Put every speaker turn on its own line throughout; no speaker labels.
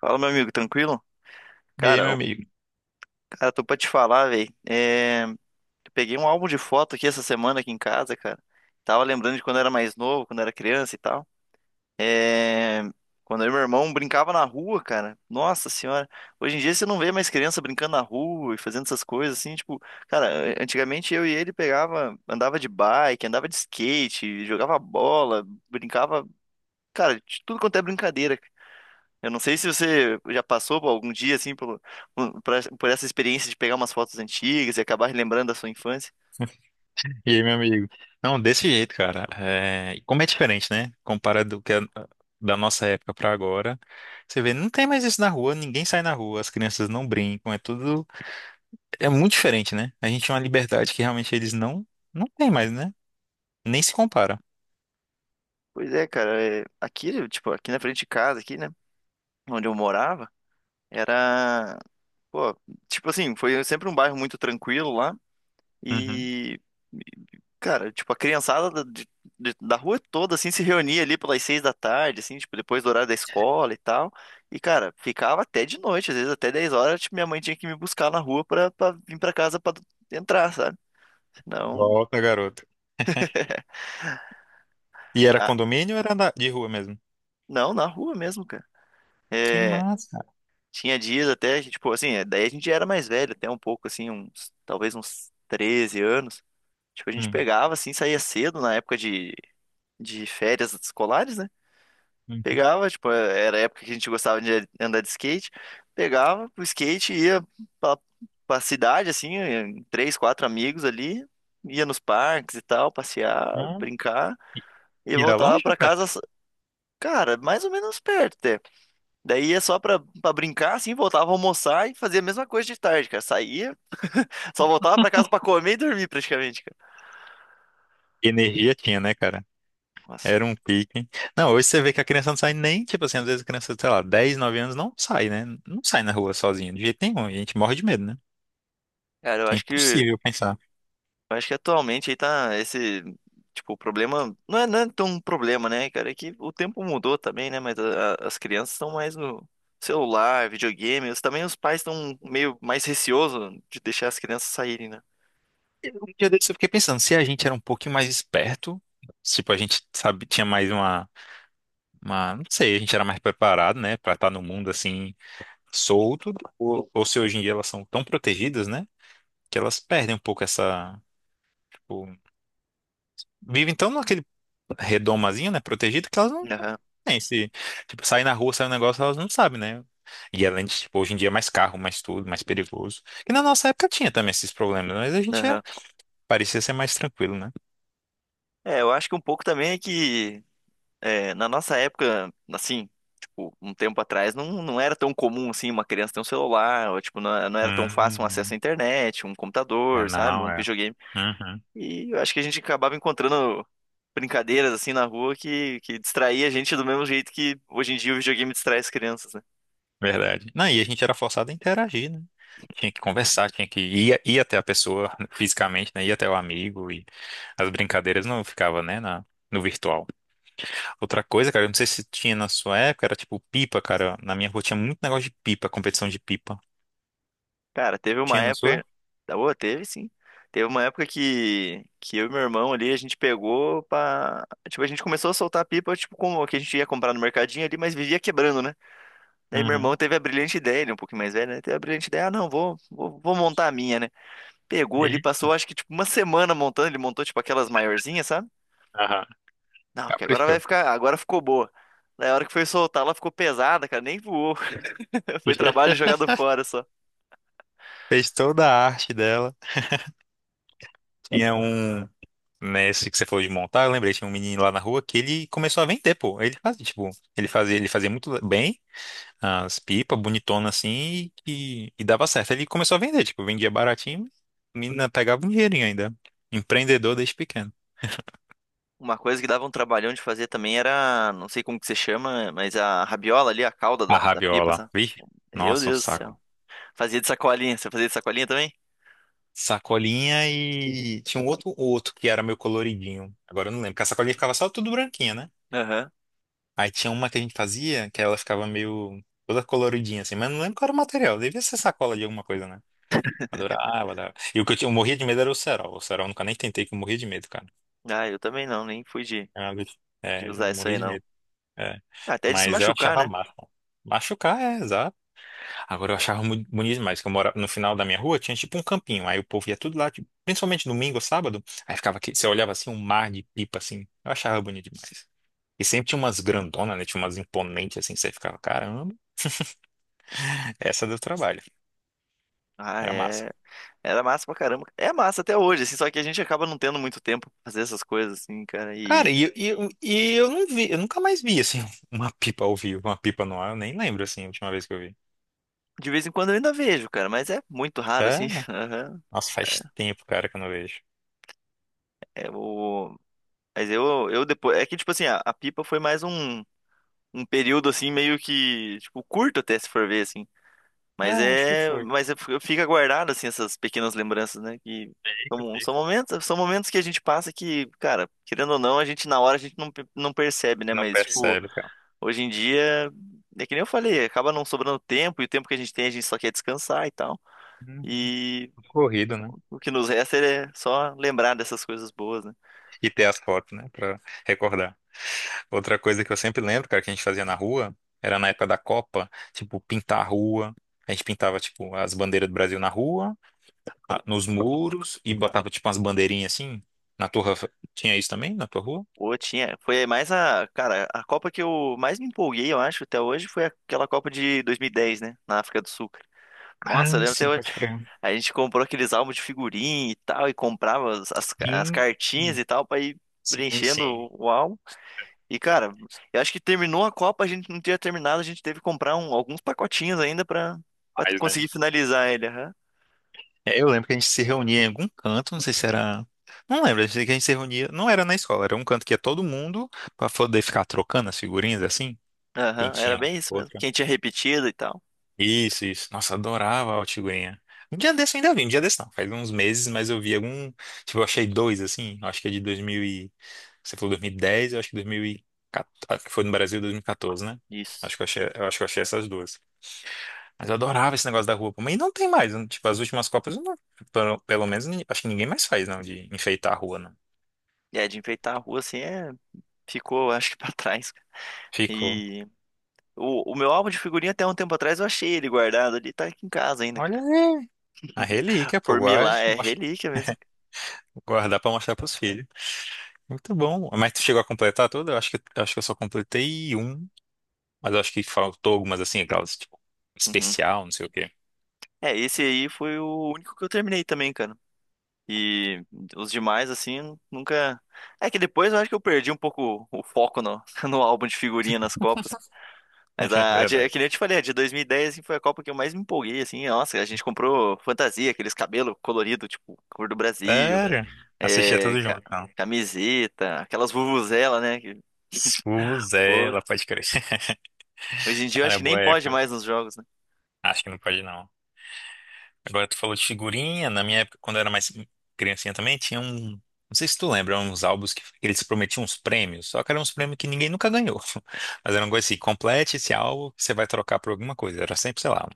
Fala, meu amigo, tranquilo?
E aí,
Cara,
meu
eu-
amigo?
cara, tô pra te falar, velho. Eu Peguei um álbum de foto aqui essa semana aqui em casa, cara. Tava lembrando de quando eu era mais novo, quando eu era criança e tal. É... Quando eu e meu irmão brincava na rua, cara. Nossa senhora. Hoje em dia você não vê mais criança brincando na rua e fazendo essas coisas assim, tipo, cara, antigamente eu e ele pegava, andava de bike, andava de skate, jogava bola, brincava, cara, de tudo quanto é brincadeira. Eu não sei se você já passou por algum dia assim pelo- por, por essa experiência de pegar umas fotos antigas e acabar lembrando da sua infância.
E aí, meu amigo? Não, desse jeito, cara. É, e como é diferente, né? Comparado do que é da nossa época pra agora. Você vê, não tem mais isso na rua, ninguém sai na rua, as crianças não brincam, é tudo. É muito diferente, né? A gente tem uma liberdade que realmente eles não têm mais, né? Nem se compara.
Pois é, cara, é, aqui, tipo, aqui na frente de casa, aqui, né, onde eu morava, era, pô, tipo assim, foi sempre um bairro muito tranquilo lá.
Uhum.
E, cara, tipo, a criançada da, de- da rua toda, assim, se reunia ali pelas 6 da tarde, assim, tipo, depois do horário da escola e tal. E, cara, ficava até de noite, às vezes até 10 horas, tipo, minha mãe tinha que me buscar na rua pra, pra vir pra casa pra entrar, sabe? Não,
Volta, garoto. E era
ah,
condomínio ou era da- de rua mesmo?
não, na rua mesmo, cara.
Que
É,
massa.
tinha dias até, que, tipo, assim, é, daí a gente já era mais velho, até um pouco, assim, uns, talvez uns 13 anos. Tipo, a gente
Hum,
pegava, assim, saía cedo na época de férias escolares, né?
uhum.
Pegava, tipo, é, era a época que a gente gostava de andar de skate. Pegava o skate, ia pra, pra cidade, assim, em três, quatro amigos ali, ia nos parques e tal, passear,
Hum.
brincar, e
E era
voltava
longe ou
pra casa,
perto?
cara, mais ou menos perto até. Daí ia só pra, pra brincar, assim, voltava a almoçar e fazia a mesma coisa de tarde, cara. Saía, só voltava pra casa pra comer e dormir praticamente, cara.
Energia tinha, né, cara?
Nossa,
Era um pique. Não, hoje você vê que a criança não sai nem, tipo assim, às vezes a criança, sei lá, 10, 9 anos não sai, né? Não sai na rua sozinha, de jeito nenhum. A gente morre de medo, né?
cara,
É impossível pensar.
Eu acho que atualmente aí tá esse, tipo, o problema, não é, não é tão um problema, né, cara, é que o tempo mudou também, né, mas as crianças estão mais no celular, videogame, também os pais estão meio mais receosos de deixar as crianças saírem, né.
Um dia desse eu fiquei pensando, se a gente era um pouquinho mais esperto, tipo, a gente, sabe, tinha mais uma, não sei, a gente era mais preparado, né, pra estar no mundo assim, solto, ou se hoje em dia elas são tão protegidas, né, que elas perdem um pouco essa, tipo, vivem tão naquele redomazinho, né? Protegida, que elas não
Aham,
têm esse. Tipo, sair na rua, sair um negócio, elas não sabem, né? E além de, tipo, hoje em dia é mais carro, mais tudo, mais perigoso. E na nossa época tinha também esses problemas, mas a gente é-
aham.
parecia ser mais tranquilo, né?
É, eu acho que um pouco também é que, é, na nossa época, assim, tipo, um tempo atrás, não, não era tão comum, assim, uma criança ter um celular, ou, tipo, não, não era tão fácil um acesso
Hum,
à internet, um
é,
computador, sabe,
não,
um
é.
videogame.
Uhum,
E eu acho que a gente acabava encontrando brincadeiras assim na rua que distraía a gente do mesmo jeito que hoje em dia o videogame distrai as crianças, né?
verdade. Não, e a gente era forçado a interagir, né? Tinha que conversar, tinha que ir até a pessoa fisicamente, né? Ir até o amigo e as brincadeiras não ficava, né, na, no virtual. Outra coisa, cara, eu não sei se tinha na sua época, era tipo pipa, cara. Na minha rua tinha muito negócio de pipa, competição de pipa.
Cara, teve uma
Tinha na sua?
época. Tá boa, teve sim. Teve uma época que eu e meu irmão ali, a gente pegou pra. Tipo, a gente começou a soltar pipa, tipo, como que a gente ia comprar no mercadinho ali, mas vivia quebrando, né? Daí meu
Uhum.
irmão teve a brilhante ideia, ele é um pouquinho mais velho, né? Teve a brilhante ideia, ah, não, vou montar a minha, né? Pegou
E
ali,
aí?
passou acho que tipo uma semana montando, ele montou tipo aquelas maiorzinhas, sabe?
Aham.
Não, que agora vai
Caprichou.
ficar. Agora ficou boa. Daí a hora que foi soltar, ela ficou pesada, cara. Nem voou. Foi trabalho jogado fora só.
Fez toda a arte dela. Tinha um. Nesse que você falou de montar, eu lembrei, tinha um menino lá na rua que ele começou a vender, pô. Ele fazia, tipo, ele fazia muito bem as pipas, bonitona assim, e dava certo. Ele começou a vender, tipo, vendia baratinho, a menina pegava um dinheirinho ainda. Empreendedor desde pequeno.
Uma coisa que dava um trabalhão de fazer também era, não sei como que se chama, mas a rabiola ali, a cauda
A
da, da pipa,
rabiola,
sabe?
vi?
Meu
Nossa, um
Deus do
saco.
céu. Fazia de sacolinha. Você fazia de sacolinha também?
Sacolinha e tinha um outro que era meu coloridinho. Agora eu não lembro, porque a sacolinha ficava só tudo branquinha, né?
Aham.
Aí tinha uma que a gente fazia que ela ficava meio toda coloridinha assim, mas não lembro qual era o material. Devia ser sacola de alguma coisa, né? Adorava, adorava. E o que eu, tinha, eu morria de medo era o cerol. O cerol eu nunca nem tentei, que eu morria de medo, cara.
Ah, eu também não, nem fui
É, uma vez-
de
é,
usar
eu
isso
morria
aí
de
não.
medo. É.
Até de se
Mas eu
machucar,
achava
né?
massa. Machucar, é, exato. Agora eu achava muito bonito demais, que eu morava no final da minha rua, tinha tipo um campinho, aí o povo ia tudo lá, tipo, principalmente domingo ou sábado, aí ficava aqui, você olhava assim, um mar de pipa assim, eu achava bonito demais. E sempre tinha umas grandonas, né, tinha umas imponentes assim, você ficava, caramba, essa deu trabalho,
Ah,
era massa.
é. Era massa pra caramba. É massa até hoje, assim, só que a gente acaba não tendo muito tempo pra fazer essas coisas, assim, cara.
Cara,
E
e eu não vi, eu nunca mais vi assim, uma pipa ao vivo, uma pipa no ar, eu nem lembro assim, a última vez que eu vi.
de vez em quando eu ainda vejo, cara, mas é muito raro,
É,
assim. Aham.
nossa, faz tempo, cara, que eu não vejo.
É o... eu depois. É que, tipo assim, a pipa foi mais um, um período, assim, meio que, tipo, curto até se for ver, assim.
É,
Mas
acho que
é.
foi.
Fica guardado, assim, essas pequenas lembranças, né? Que
Fica,
são,
fica.
são momentos que a gente passa que, cara, querendo ou não, a gente na hora a gente não, não percebe, né?
Não
Mas, tipo.
percebe, cara.
Hoje em dia, é que nem eu falei, acaba não sobrando tempo, e o tempo que a gente tem a gente só quer descansar e tal.
Uhum.
E
Corrido, né?
o que nos resta é só lembrar dessas coisas boas, né?
E ter as fotos, né, pra recordar. Outra coisa que eu sempre lembro, cara, que a gente fazia na rua, era na época da Copa, tipo, pintar a rua. A gente pintava, tipo, as bandeiras do Brasil na rua, a- nos muros, e botava, tipo, umas bandeirinhas assim. Na tua, rua tinha isso também, na tua rua?
Ou tinha, foi mais a, cara, a Copa que eu mais me empolguei, eu acho, até hoje foi aquela Copa de 2010, né, na África do Sul. Cara.
Ah,
Nossa, eu lembro até
sim,
hoje.
pode crer.
A gente comprou aqueles álbuns de figurinha e tal, e comprava as
Sim,
cartinhas e tal pra ir
sim, sim.
preenchendo o álbum. E, cara, eu acho que terminou a Copa, a gente não tinha terminado, a gente teve que comprar alguns pacotinhos ainda pra, pra
Mas, né?
conseguir finalizar ele. Aham.
É, eu lembro que a gente se reunia em algum canto, não sei se era. Não lembro, eu sei que a gente se reunia. Não era na escola, era um canto que ia todo mundo pra poder ficar trocando as figurinhas assim. Quem
Aham, era
tinha.
bem isso mesmo.
Outro.
Quem tinha repetido e tal.
Isso, isso. Nossa, adorava a Altigurinha. Um dia desse eu ainda vi, um dia desse não. Faz uns meses, mas eu vi algum. Tipo, eu achei dois, assim. Eu acho que é de 2000 e... Você falou 2010, eu acho que 2014. Foi no Brasil 2014, né?
Isso.
Acho que eu achei, eu acho que eu achei essas duas. Mas eu adorava esse negócio da rua. Pô. Mas não tem mais. Né? Tipo, as últimas Copas, eu não- pelo menos, ni- acho que ninguém mais faz, não, de enfeitar a rua, não.
E é, de enfeitar a rua assim é. Ficou, acho que pra trás. Cara.
Ficou.
E o meu álbum de figurinha até um tempo atrás eu achei ele guardado ali, tá aqui em casa ainda, cara.
Olha aí. A relíquia, pô,
Por mim lá
guarde,
é
mostra-
relíquia mesmo. Cara.
guardar pra mostrar pros filhos. Muito bom. Mas tu chegou a completar tudo? Eu acho que eu só completei um. Mas eu acho que faltou algumas assim, aquelas, tipo,
Uhum.
especial, não sei o quê.
É, esse aí foi o único que eu terminei também, cara. E os demais, assim, nunca. É que depois eu acho que eu perdi um pouco o foco no, no álbum de figurinha nas Copas. Mas é
Verdade.
que nem eu te falei, a de 2010 assim, foi a Copa que eu mais me empolguei, assim. Nossa, a gente comprou fantasia, aqueles cabelos coloridos, tipo, cor do Brasil,
Sério? Assistia
é,
tudo
ca-
junto, não.
camiseta, aquelas vuvuzela, né? Que, pô,
Suzela, pode crer.
hoje em dia eu
Cara,
acho
é
que nem
boa
pode
época.
mais nos jogos, né?
Acho que não pode, não. Agora tu falou de figurinha. Na minha época, quando eu era mais criancinha também, tinha um. Não sei se tu lembra, uns álbuns que eles prometiam uns prêmios, só que eram uns prêmios que ninguém nunca ganhou. Mas era uma coisa assim, complete esse álbum, você vai trocar por alguma coisa. Era sempre, sei lá,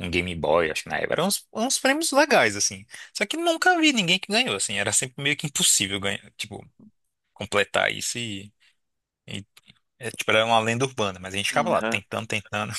um Game Boy, acho que na época. Eram uns prêmios legais, assim. Só que nunca vi ninguém que ganhou, assim. Era sempre meio que impossível ganhar, tipo, completar isso e, é, tipo, era uma lenda urbana, mas a gente ficava lá
Uhum.
tentando, tentando.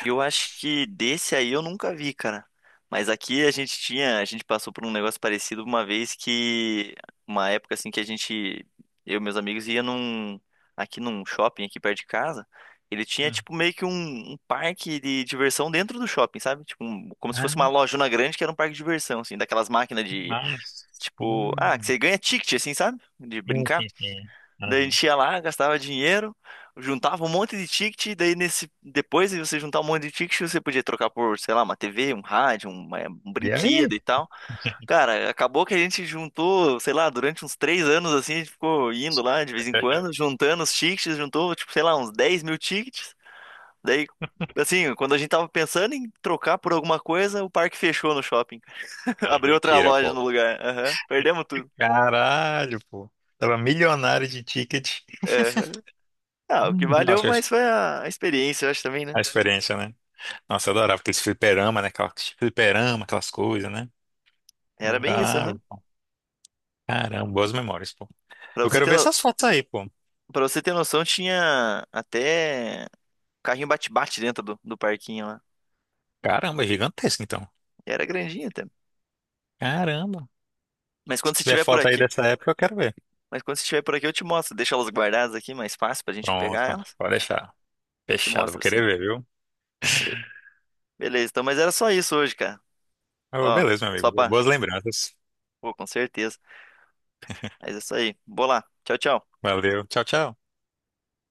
Eu acho que desse aí eu nunca vi, cara. Mas aqui a gente tinha, a gente passou por um negócio parecido uma vez que, uma época assim que a gente, eu e meus amigos ia num, aqui num shopping aqui perto de casa. Ele tinha
Hum.
tipo meio que um parque de diversão dentro do shopping, sabe? Tipo, como se fosse uma
Ah,
lojona grande que era um parque de diversão, assim, daquelas máquinas
que
de,
massa.
tipo, ah, que você
Hum.
ganha ticket, assim, sabe? De
Sim,
brincar.
sim, sim.
Daí a
Uhum.
gente ia lá, gastava dinheiro, juntava um monte de ticket, daí nesse depois de você juntar um monte de ticket, você podia trocar por, sei lá, uma TV, um rádio, um, eh, um
E
brinquedo
aí?
e tal. Cara, acabou que a gente juntou, sei lá, durante uns 3 anos assim, a gente ficou indo lá de vez em quando, juntando os tickets, juntou, tipo, sei lá, uns 10 mil tickets. Daí, assim, quando a gente tava pensando em trocar por alguma coisa, o parque fechou no shopping.
Cara,
Abriu outra
mentira,
loja
pô.
no lugar. Aham. Perdemos tudo.
Caralho, pô. Tava milionário de ticket.
Aham. Ah, o que
Hum.
valeu,
Nossa, acho
mas
que
foi a experiência, eu acho também, né?
a experiência, né? Nossa, eu adorava aqueles fliperama, né? Aquelas fliperama, aquelas coisas, né?
Era bem isso,
Adorava.
aham.
Caramba, boas memórias, pô.
Pra
Eu
você
quero
ter
ver
no...
essas fotos aí, pô.
pra você ter noção, tinha até carrinho bate-bate dentro do, do parquinho lá.
Caramba, é gigantesco, então.
E era grandinho até.
Caramba.
Mas
Se
quando você
tiver
estiver por
foto aí
aqui,
dessa época, eu quero ver.
mas quando você estiver por aqui, eu te mostro. Deixa elas guardadas aqui, mais fácil pra gente
Pronto,
pegar elas.
pode deixar.
Eu te
Fechado, vou
mostro
querer
sim.
ver, viu?
Be- Beleza, então, mas era só isso hoje, cara.
Oh,
Ó,
beleza, meu
só
amigo.
pra.
Boas lembranças.
Pô, com certeza. Mas é isso aí. Vou lá. Tchau, tchau.
Valeu. Tchau, tchau.